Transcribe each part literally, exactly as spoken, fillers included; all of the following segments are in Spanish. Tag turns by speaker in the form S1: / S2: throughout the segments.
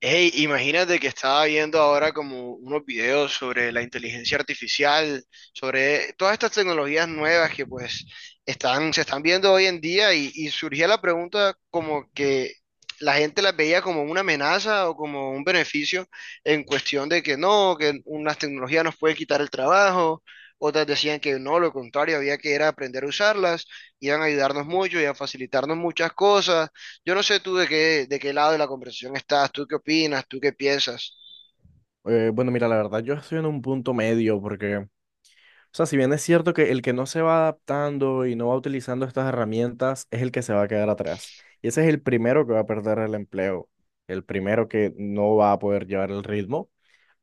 S1: Hey, imagínate que estaba viendo ahora como unos videos sobre la inteligencia artificial, sobre todas estas tecnologías nuevas que pues están, se están viendo hoy en día y, y surgía la pregunta como que la gente las veía como una amenaza o como un beneficio en cuestión de que no, que unas tecnologías nos pueden quitar el trabajo, otras decían que no, lo contrario, había que era aprender a usarlas, iban a ayudarnos mucho y a facilitarnos muchas cosas. Yo no sé tú de qué, de qué lado de la conversación estás, tú qué opinas, tú qué piensas.
S2: Eh, bueno, Mira, la verdad yo estoy en un punto medio porque, o sea, si bien es cierto que el que no se va adaptando y no va utilizando estas herramientas es el que se va a quedar atrás. Y ese es el primero que va a perder el empleo, el primero que no va a poder llevar el ritmo,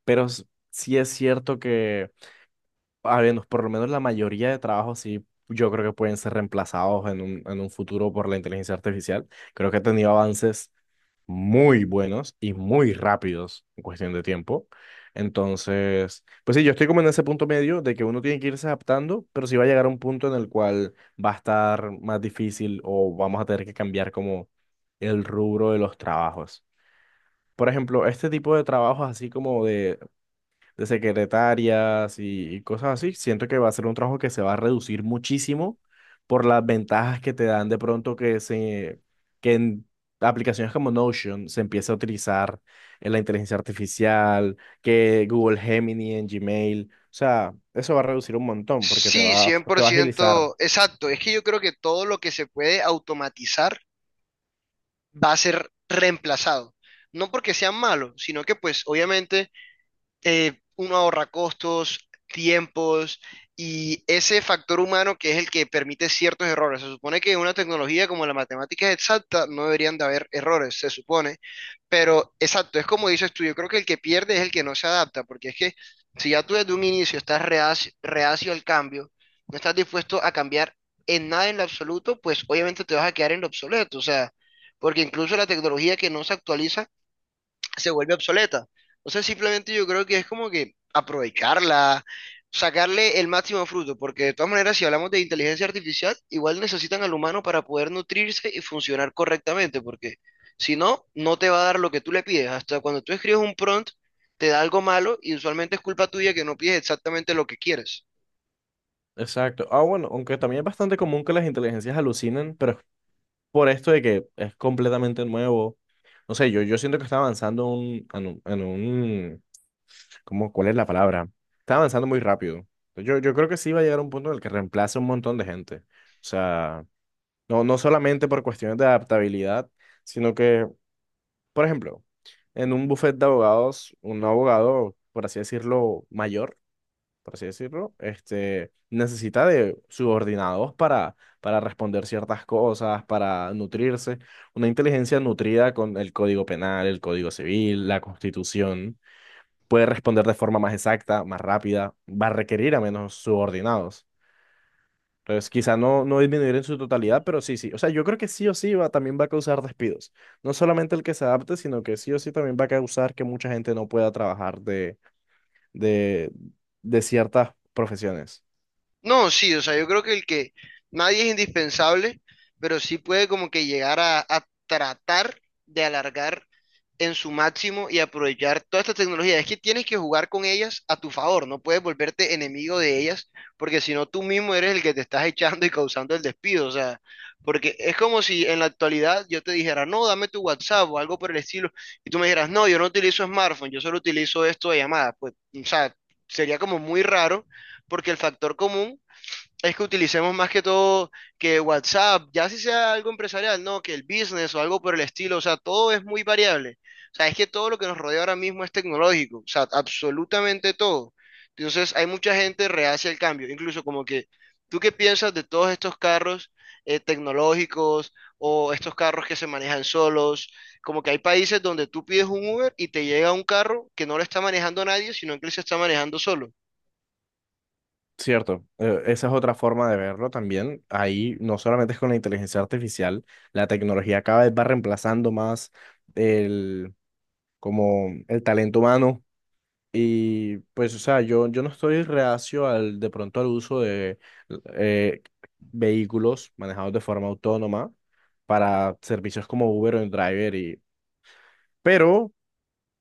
S2: pero s- sí es cierto que, al menos, por lo menos la mayoría de trabajos sí, yo creo que pueden ser reemplazados en un, en un futuro por la inteligencia artificial. Creo que ha tenido avances muy buenos y muy rápidos en cuestión de tiempo. Entonces, pues sí, yo estoy como en ese punto medio de que uno tiene que irse adaptando, pero sí va a llegar a un punto en el cual va a estar más difícil o vamos a tener que cambiar como el rubro de los trabajos. Por ejemplo, este tipo de trabajos así como de de secretarias y, y cosas así. Siento que va a ser un trabajo que se va a reducir muchísimo por las ventajas que te dan de pronto que se que en aplicaciones como Notion se empiece a utilizar en la inteligencia artificial, que Google Gemini en Gmail, o sea, eso va a reducir un montón porque te
S1: Sí,
S2: va,
S1: cien
S2: te
S1: por
S2: va a agilizar.
S1: ciento, exacto. Es que yo creo que todo lo que se puede automatizar va a ser reemplazado. No porque sean malos, sino que pues obviamente eh, uno ahorra costos, tiempos y ese factor humano que es el que permite ciertos errores. Se supone que en una tecnología como la matemática exacta no deberían de haber errores, se supone, pero exacto, es como dices tú. Yo creo que el que pierde es el que no se adapta, porque es que si ya tú desde un inicio estás reacio, reacio al cambio, no estás dispuesto a cambiar en nada en lo absoluto, pues obviamente te vas a quedar en lo obsoleto, o sea, porque incluso la tecnología que no se actualiza, se vuelve obsoleta. O sea, simplemente yo creo que es como que aprovecharla, sacarle el máximo fruto, porque de todas maneras, si hablamos de inteligencia artificial, igual necesitan al humano para poder nutrirse y funcionar correctamente, porque si no, no te va a dar lo que tú le pides. Hasta cuando tú escribes un prompt, te da algo malo y usualmente es culpa tuya que no pides exactamente lo que quieres.
S2: Exacto. Ah, bueno, aunque también es bastante común que las inteligencias alucinen, pero es por esto de que es completamente nuevo. No sé, yo, yo siento que está avanzando un- en un, en un ¿cómo, cuál es la palabra? Está avanzando muy rápido. Yo, yo creo que sí va a llegar a un punto en el que reemplace un montón de gente. O sea, no, no solamente por cuestiones de adaptabilidad, sino que, por ejemplo, en un buffet de abogados, un abogado, por así decirlo, mayor, por así decirlo, este, necesita de subordinados para, para responder ciertas cosas, para nutrirse. Una inteligencia nutrida con el Código Penal, el Código Civil, la Constitución puede responder de forma más exacta, más rápida, va a requerir a menos subordinados. Entonces, quizá no, no disminuir en su totalidad, pero sí, sí. O sea, yo creo que sí o sí va, también va a causar despidos. No solamente el que se adapte, sino que sí o sí también va a causar que mucha gente no pueda trabajar de, de, de ciertas profesiones.
S1: No, sí, o sea, yo creo que el que nadie es indispensable, pero sí puede como que llegar a, a tratar de alargar en su máximo y aprovechar toda esta tecnología. Es que tienes que jugar con ellas a tu favor, no puedes volverte enemigo de ellas, porque si no tú mismo eres el que te estás echando y causando el despido, o sea, porque es como si en la actualidad yo te dijera, no, dame tu WhatsApp o algo por el estilo, y tú me dijeras, no, yo no utilizo smartphone, yo solo utilizo esto de llamada, pues, o sea, sería como muy raro, porque el factor común es que utilicemos más que todo que WhatsApp, ya si sea algo empresarial, no, que el business o algo por el estilo, o sea, todo es muy variable. O sea, es que todo lo que nos rodea ahora mismo es tecnológico, o sea, absolutamente todo. Entonces, hay mucha gente reacia al cambio, incluso como que, ¿tú qué piensas de todos estos carros eh, tecnológicos o estos carros que se manejan solos? Como que hay países donde tú pides un Uber y te llega un carro que no lo está manejando nadie, sino que él se está manejando solo.
S2: Cierto, eh, esa es otra forma de verlo también. Ahí no solamente es con la inteligencia artificial, la tecnología cada vez va reemplazando más el, como el talento humano. Y pues, o sea, yo, yo no estoy reacio al, de pronto al uso de eh, vehículos manejados de forma autónoma para servicios como Uber o Driver y, pero,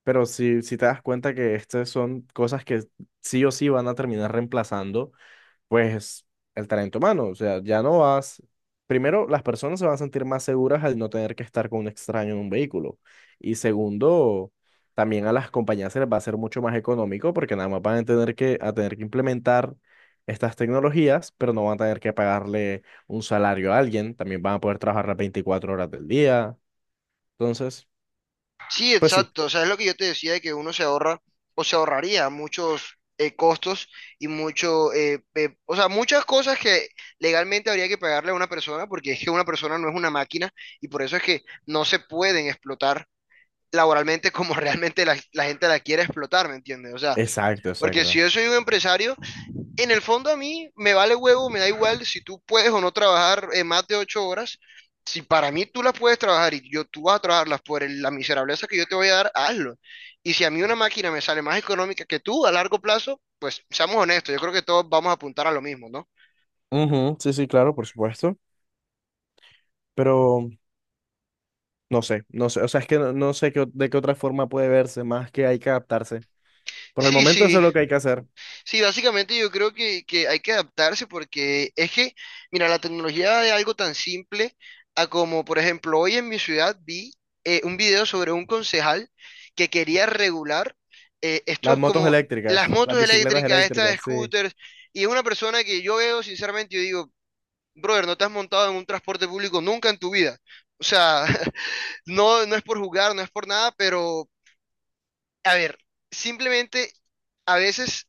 S2: pero si, si te das cuenta que estas son cosas que sí o sí van a terminar reemplazando pues el talento humano, o sea, ya no vas, primero las personas se van a sentir más seguras al no tener que estar con un extraño en un vehículo y segundo, también a las compañías se les va a hacer mucho más económico porque nada más van a tener que, a tener que implementar estas tecnologías, pero no van a tener que pagarle un salario a alguien, también van a poder trabajar las veinticuatro horas del día, entonces,
S1: Sí,
S2: pues sí,
S1: exacto. O sea, es lo que yo te decía de que uno se ahorra o se ahorraría muchos eh, costos y mucho, eh, eh, o sea, muchas cosas que legalmente habría que pagarle a una persona porque es que una persona no es una máquina y por eso es que no se pueden explotar laboralmente como realmente la, la gente la quiere explotar, ¿me entiendes? O sea,
S2: exacto,
S1: porque si
S2: exacto.
S1: yo soy un empresario, en el fondo a mí me vale huevo, me da igual si tú puedes o no trabajar eh, más de ocho horas. Si para mí tú las puedes trabajar y yo tú vas a trabajarlas por el- la miserableza que yo te voy a dar, hazlo. Y si a mí una máquina me sale más económica que tú a largo plazo, pues seamos honestos, yo creo que todos vamos a apuntar a lo mismo, ¿no?
S2: Ujú, sí, sí, claro, por supuesto, pero... No sé, no sé, o sea, es que no, no sé qué o- de qué otra forma puede verse, más que hay que adaptarse. Por el
S1: Sí,
S2: momento eso
S1: sí,
S2: es lo que hay que hacer.
S1: Sí, básicamente yo creo que, que hay que adaptarse porque es que, mira, la tecnología de algo tan simple a como, por ejemplo, hoy en mi ciudad vi eh, un video sobre un concejal que quería regular eh,
S2: Las
S1: estos
S2: motos
S1: como las
S2: eléctricas, las
S1: motos
S2: bicicletas
S1: eléctricas, estas
S2: eléctricas, sí.
S1: scooters, y es una persona que yo veo sinceramente, yo digo, brother, no te has montado en un transporte público nunca en tu vida. O sea, no, no es por jugar, no es por nada, pero a ver, simplemente a veces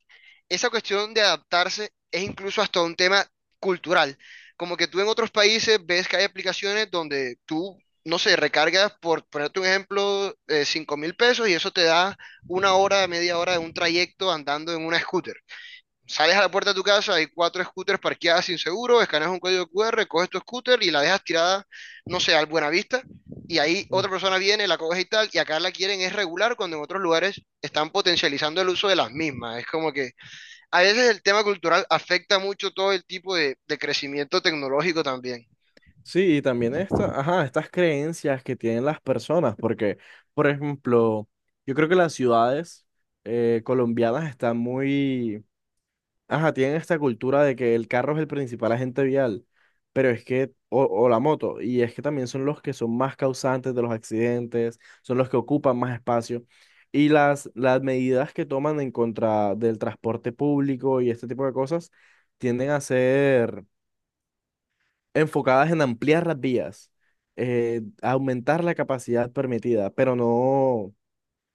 S1: esa cuestión de adaptarse es incluso hasta un tema cultural. Como que tú en otros países ves que hay aplicaciones donde tú, no sé, recargas, por ponerte un ejemplo, eh, cinco mil pesos y eso te da una hora, media hora de un trayecto andando en una scooter. Sales a la puerta de tu casa, hay cuatro scooters parqueadas sin seguro, escaneas un código Q R, coges tu scooter y la dejas tirada, no sé, al Buenavista, y ahí
S2: Mm.
S1: otra persona viene, la coge y tal, y acá la quieren es regular cuando en otros lugares están potencializando el uso de las mismas. Es como que a veces el tema cultural afecta mucho todo el tipo de, de crecimiento tecnológico también.
S2: Sí, y también esta, ajá, estas creencias que tienen las personas, porque, por ejemplo, yo creo que las ciudades eh, colombianas están muy ajá, tienen esta cultura de que el carro es el principal agente vial, pero es que, o, o la moto, y es que también son los que son más causantes de los accidentes, son los que ocupan más espacio. Y las, las medidas que toman en contra del transporte público y este tipo de cosas tienden a ser enfocadas en ampliar las vías, eh, aumentar la capacidad permitida, pero no,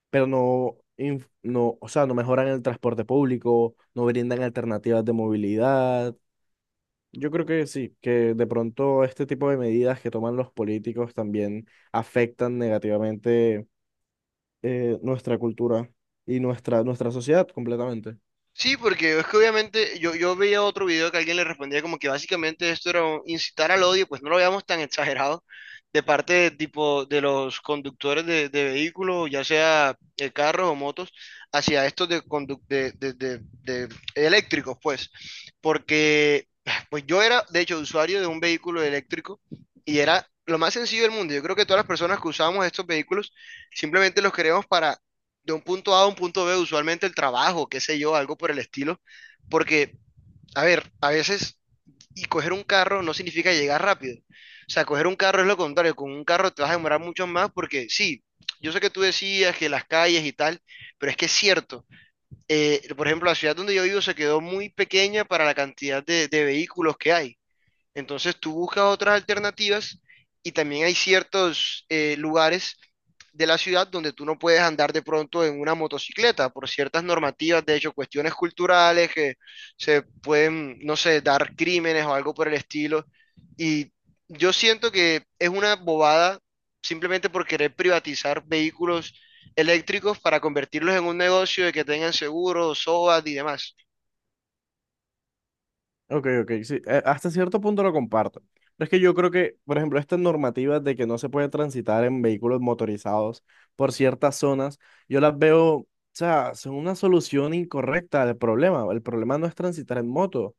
S2: pero no, inf- no, o sea, no mejoran el transporte público, no brindan alternativas de movilidad. Yo creo que sí, que de pronto este tipo de medidas que toman los políticos también afectan negativamente eh, nuestra cultura y nuestra, nuestra sociedad completamente.
S1: Sí, porque es que obviamente yo, yo veía otro video que alguien le respondía como que básicamente esto era un- incitar al odio, pues no lo veamos tan exagerado de parte de, tipo de los conductores de, de vehículos, ya sea eh, carros o motos, hacia estos de, condu- de, de- de- de eléctricos, pues, porque pues yo era de hecho usuario de un vehículo eléctrico y era lo más sencillo del mundo. Yo creo que todas las personas que usábamos estos vehículos simplemente los queríamos para de un punto A a un punto be, usualmente el trabajo, qué sé yo, algo por el estilo, porque, a ver, a veces y coger un carro no significa llegar rápido. O sea, coger un carro es lo contrario, con un carro te vas a demorar mucho más porque sí, yo sé que tú decías que las calles y tal, pero es que es cierto. Eh, por ejemplo, la ciudad donde yo vivo se quedó muy pequeña para la cantidad de, de vehículos que hay. Entonces tú buscas otras alternativas y también hay ciertos eh, lugares de la ciudad donde tú no puedes andar de pronto en una motocicleta por ciertas normativas, de hecho, cuestiones culturales que se pueden, no sé, dar crímenes o algo por el estilo. Y yo siento que es una bobada simplemente por querer privatizar vehículos eléctricos para convertirlos en un negocio de que tengan seguros, SOAT y demás.
S2: Ok, ok, sí, eh, hasta cierto punto lo comparto. Pero es que yo creo que, por ejemplo, estas normativas de que no se puede transitar en vehículos motorizados por ciertas zonas, yo las veo, o sea, son una solución incorrecta al problema. El problema no es transitar en moto.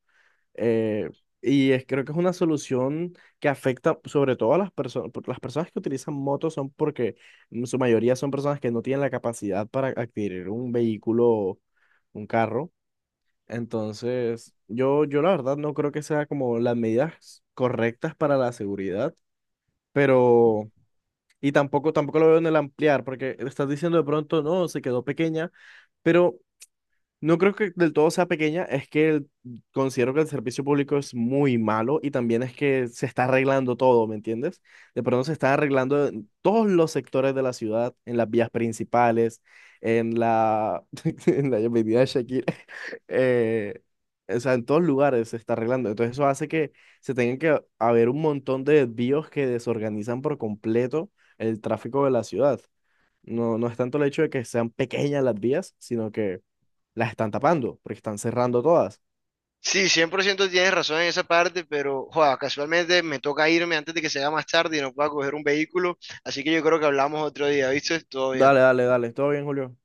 S2: Eh, y es, creo que es una solución que afecta sobre todo a las personas, las personas que utilizan motos son porque en su mayoría son personas que no tienen la capacidad para adquirir un vehículo, un carro. Entonces, yo, yo la verdad no creo que sea como las medidas correctas para la seguridad, pero, y tampoco, tampoco lo veo en el ampliar, porque estás diciendo de pronto, no, se quedó pequeña, pero no creo que del todo sea pequeña, es que el- considero que el servicio público es muy malo y también es que se está arreglando todo, ¿me entiendes? De pronto se está arreglando en todos los sectores de la ciudad, en las vías principales, en la, en la avenida de Shakira, eh, o sea, en todos lugares se está arreglando. Entonces eso hace que se tengan que haber un montón de desvíos que desorganizan por completo el tráfico de la ciudad. No, no es tanto el hecho de que sean pequeñas las vías, sino que las están tapando, porque están cerrando todas.
S1: Sí, cien por ciento tienes razón en esa parte, pero joda, casualmente me toca irme antes de que sea más tarde y no pueda coger un vehículo, así que yo creo que hablamos otro día, ¿viste? Todo bien.
S2: Dale, dale, dale. Todo bien, Julio.